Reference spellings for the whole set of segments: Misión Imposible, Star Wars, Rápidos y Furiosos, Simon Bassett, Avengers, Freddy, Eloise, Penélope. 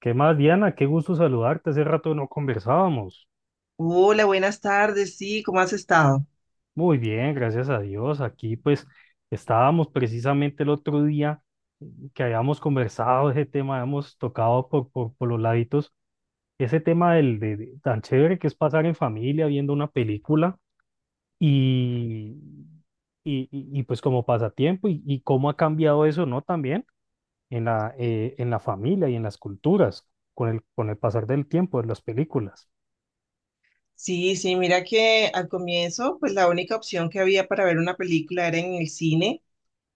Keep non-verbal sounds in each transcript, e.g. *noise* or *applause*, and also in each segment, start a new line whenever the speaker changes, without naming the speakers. ¿Qué más, Diana? Qué gusto saludarte. Hace rato no conversábamos.
Hola, buenas tardes. Sí, ¿cómo has estado?
Muy bien, gracias a Dios. Aquí pues estábamos precisamente el otro día, que habíamos conversado ese tema, habíamos tocado por los laditos, ese tema del tan chévere que es pasar en familia viendo una película y, y, pues como pasatiempo y cómo ha cambiado eso, ¿no? También en en la familia y en las culturas con el pasar del tiempo de las películas.
Sí, sí, mira que al comienzo, pues la única opción que había para ver una película era en el cine.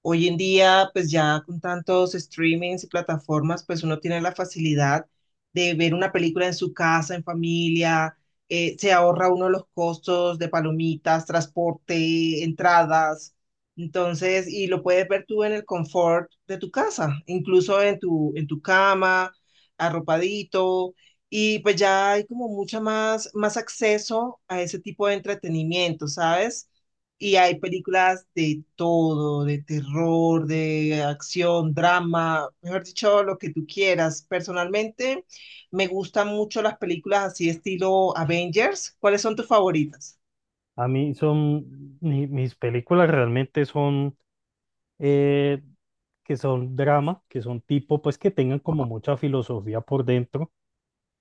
Hoy en día, pues ya con tantos streamings y plataformas, pues uno tiene la facilidad de ver una película en su casa, en familia, se ahorra uno los costos de palomitas, transporte, entradas. Entonces, y lo puedes ver tú en el confort de tu casa, incluso en tu cama, arropadito. Y pues ya hay como más acceso a ese tipo de entretenimiento, ¿sabes? Y hay películas de todo, de terror, de acción, drama, mejor dicho, lo que tú quieras. Personalmente, me gustan mucho las películas así estilo Avengers. ¿Cuáles son tus favoritas?
A mí son, mis películas realmente son, eh, que son drama, que son tipo, pues que tengan como mucha filosofía por dentro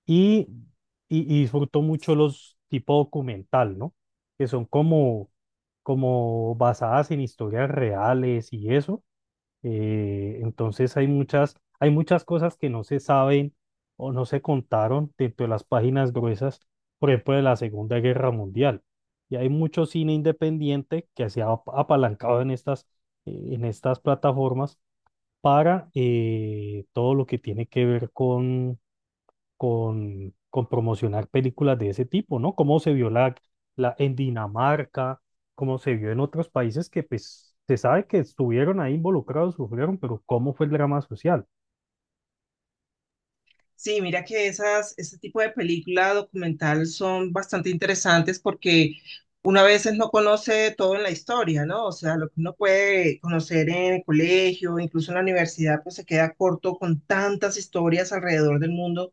y, y disfruto mucho los tipo documental, ¿no? Que son como, como basadas en historias reales y eso. Entonces hay muchas cosas que no se saben o no se contaron dentro de las páginas gruesas, por ejemplo, de la Segunda Guerra Mundial. Y hay mucho cine independiente que se ha apalancado en en estas plataformas para todo lo que tiene que ver con promocionar películas de ese tipo, ¿no? Cómo se vio en Dinamarca, cómo se vio en otros países que pues se sabe que estuvieron ahí involucrados, sufrieron, pero ¿cómo fue el drama social?
Sí, mira que ese tipo de película documental son bastante interesantes porque uno a veces no conoce todo en la historia, ¿no? O sea, lo que uno puede conocer en el colegio, incluso en la universidad, pues se queda corto con tantas historias alrededor del mundo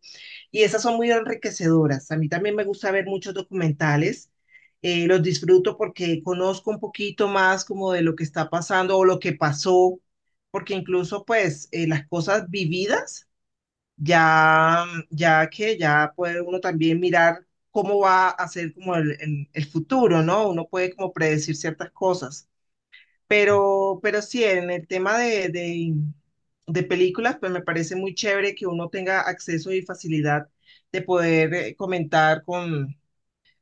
y esas son muy enriquecedoras. A mí también me gusta ver muchos documentales, los disfruto porque conozco un poquito más como de lo que está pasando o lo que pasó, porque incluso pues las cosas vividas ya que ya puede uno también mirar cómo va a ser como el futuro, ¿no? Uno puede como predecir ciertas cosas. Pero sí, en el tema de películas, pues me parece muy chévere que uno tenga acceso y facilidad de poder comentar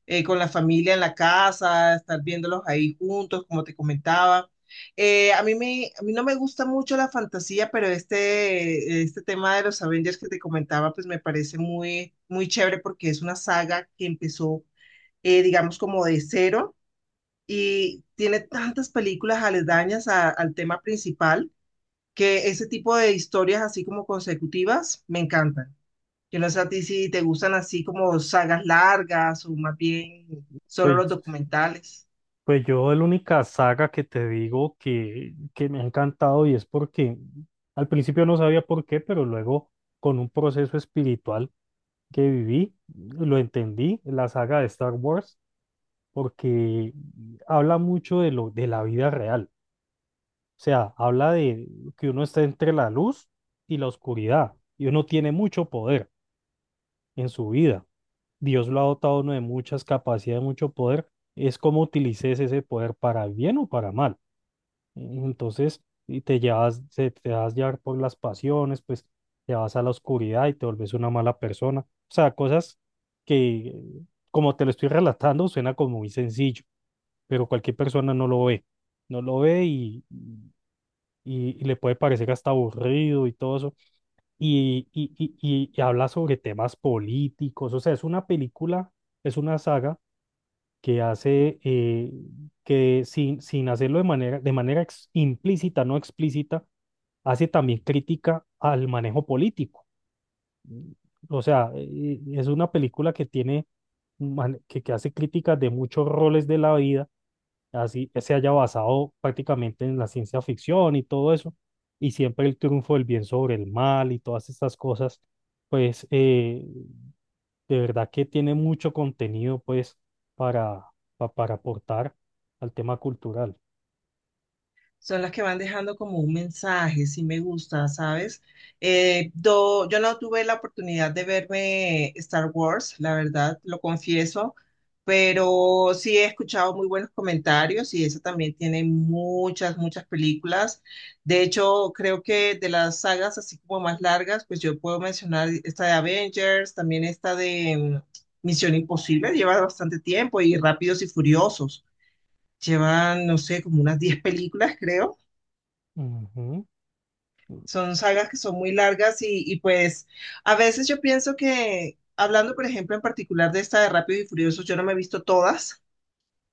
con la familia en la casa, estar viéndolos ahí juntos, como te comentaba. A mí no me gusta mucho la fantasía, pero este tema de los Avengers que te comentaba, pues me parece muy, muy chévere porque es una saga que empezó, digamos, como de cero y tiene tantas películas aledañas al tema principal, que ese tipo de historias así como consecutivas me encantan. Yo no sé a ti si te gustan así como sagas largas o más bien solo los
Pues,
documentales.
pues yo la única saga que te digo que me ha encantado y es porque al principio no sabía por qué, pero luego con un proceso espiritual que viví, lo entendí, la saga de Star Wars, porque habla mucho de la vida real. O sea, habla de que uno está entre la luz y la oscuridad y uno tiene mucho poder en su vida. Dios lo ha dotado a uno de muchas capacidades, mucho poder. Es como utilices ese poder para bien o para mal. Entonces, y te llevas, te vas llevar por las pasiones, pues te vas a la oscuridad y te vuelves una mala persona. O sea, que, como te lo estoy relatando, suena como muy sencillo, pero cualquier persona no lo ve. No lo ve y le puede parecer hasta aburrido y todo eso, y habla sobre temas políticos, o sea, es una película, es una saga que hace, que sin hacerlo de manera implícita, no explícita, hace también crítica al manejo político. Mm, es una película que tiene, que hace críticas de muchos roles de la vida, así se haya basado prácticamente en la ciencia ficción y todo eso, y siempre el triunfo del bien sobre el mal y todas estas cosas, pues eh, de verdad que tiene mucho contenido, pues para, para aportar al tema cultural.
Son las que van dejando como un mensaje, si me gusta, ¿sabes? Yo no tuve la oportunidad de verme Star Wars, la verdad, lo confieso, pero sí he escuchado muy buenos comentarios y eso también tiene muchas películas. De hecho, creo que de las sagas así como más largas, pues yo puedo mencionar esta de Avengers, también esta de Misión Imposible, lleva bastante tiempo y Rápidos y Furiosos. Llevan, no sé, como unas 10 películas, creo.
Ujú.
Son sagas que son muy largas y pues a veces yo pienso que, hablando por ejemplo en particular de esta de Rápidos y Furiosos, yo no me he visto todas,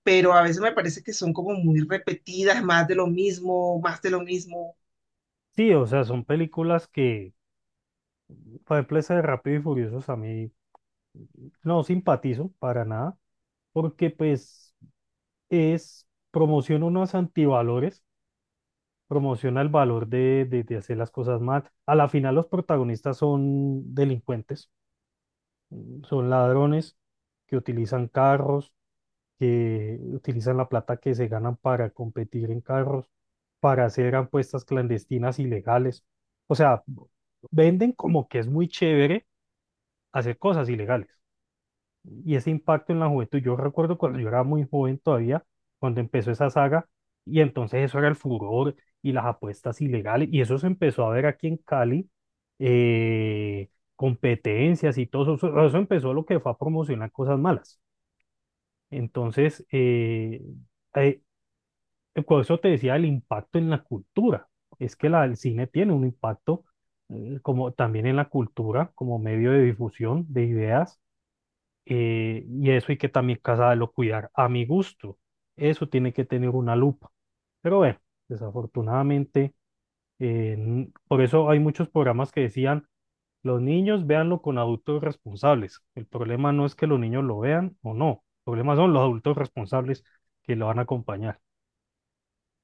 pero a veces me parece que son como muy repetidas, más de lo mismo, más de lo mismo.
Sí, o sea, son películas que, por ejemplo, esa de Rápido y Furiosos a mí no simpatizo para nada, porque pues es, promociona unos antivalores, promociona el valor de hacer las cosas mal. A la final los protagonistas son delincuentes, mm, son ladrones que utilizan carros, que utilizan la plata que se ganan para competir en carros, para hacer apuestas clandestinas ilegales. O sea, venden como que es muy chévere hacer cosas ilegales y ese impacto en la juventud. Yo recuerdo cuando yo era muy joven todavía, cuando empezó esa saga, y entonces eso era el furor y las apuestas ilegales, y eso se empezó a ver aquí en Cali, eh, competencias y todo eso, eso empezó lo que fue a promocionar cosas malas. Entonces, eh, por eso te decía el impacto en la cultura, es que el cine tiene un impacto, como también en la cultura, como medio de difusión de ideas, y eso hay que también casarlo, cuidar a mi gusto. Eso tiene que tener una lupa. Pero bueno, desafortunadamente, por eso hay muchos programas que decían, los niños véanlo con adultos responsables. El problema no es que los niños lo vean o no. El problema son los adultos responsables que lo van a acompañar.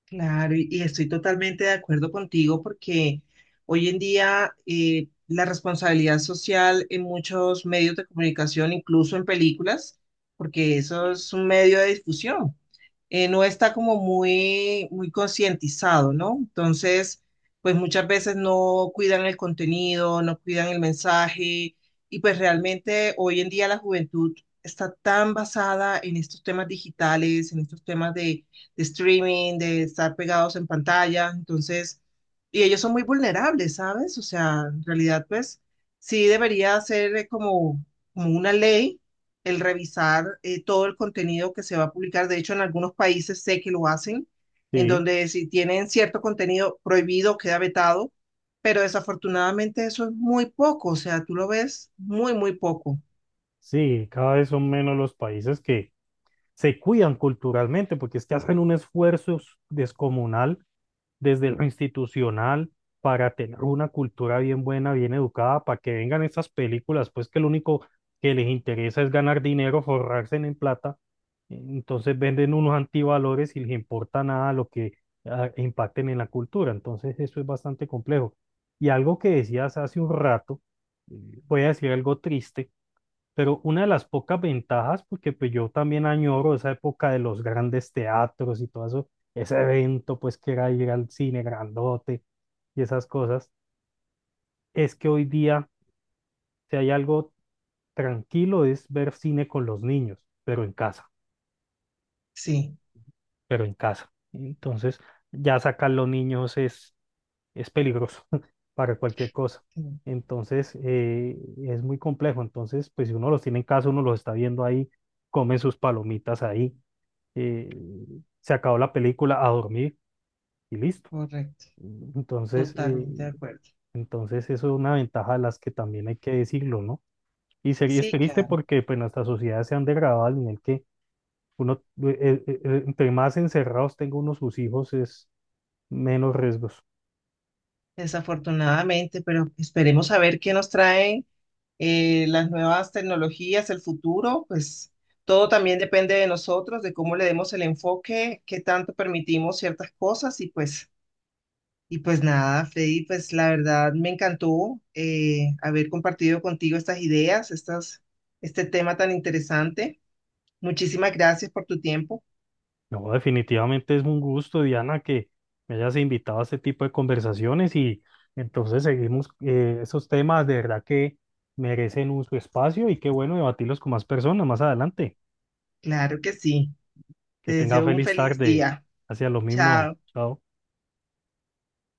Claro, y estoy totalmente de acuerdo contigo porque hoy en día la responsabilidad social en muchos medios de comunicación, incluso en películas, porque eso es un medio de difusión. No está como muy, muy concientizado, ¿no? Entonces, pues muchas veces no cuidan el contenido, no cuidan el mensaje y pues realmente hoy en día la juventud está tan basada en estos temas digitales, en estos temas de streaming, de estar pegados en pantalla, entonces, y ellos son muy vulnerables, ¿sabes? O sea, en realidad, pues sí debería ser como una ley el revisar todo el contenido que se va a publicar. De hecho, en algunos países sé que lo hacen, en
Sí,
donde si tienen cierto contenido prohibido, queda vetado, pero desafortunadamente eso es muy poco, o sea, tú lo ves muy, muy poco.
sí, cada vez son menos los países que se cuidan culturalmente, porque es que hacen un esfuerzo descomunal desde lo institucional para tener una cultura bien buena, bien educada, para que vengan esas películas, pues que lo único que les interesa es ganar dinero, forrarse en plata. Entonces venden unos antivalores y les importa nada lo que impacten en la cultura. Entonces eso es bastante complejo. Y algo que decías hace un rato, eh, voy a decir algo triste, pero una de las pocas ventajas, porque pues yo también añoro esa época de los grandes teatros y todo eso, ese evento, pues, que era ir al cine grandote y esas cosas, es que hoy día, si hay algo tranquilo es ver cine con los niños, pero en casa,
Sí,
pero en casa. Entonces ya sacar los niños es peligroso *laughs* para cualquier cosa.
sí,
Entonces es muy complejo. Entonces pues si uno los tiene en casa, uno los está viendo ahí, comen sus palomitas ahí, eh, se acabó la película, a dormir y listo.
correcto,
Entonces, eh,
totalmente de acuerdo.
entonces eso es una ventaja de las que también hay que decirlo, ¿no? Y sería es
Sí,
triste
claro,
porque pues nuestras sociedades se han degradado al nivel que uno, entre más encerrados tenga uno sus hijos, es menos riesgos.
desafortunadamente, pero esperemos a ver qué nos traen las nuevas tecnologías, el futuro, pues todo también depende de nosotros, de cómo le demos el enfoque, qué tanto permitimos ciertas cosas y pues nada, Freddy, pues la verdad me encantó haber compartido contigo estas ideas, estas, este tema tan interesante. Muchísimas gracias por tu tiempo.
No, definitivamente es un gusto, Diana, que me hayas invitado a este tipo de conversaciones, y entonces seguimos, esos temas, de verdad que merecen un su espacio y qué bueno debatirlos con más personas más adelante.
Claro que sí. Te
Que tenga
deseo un
feliz
feliz
tarde.
día.
Hacia lo mismo.
Chao.
Chao.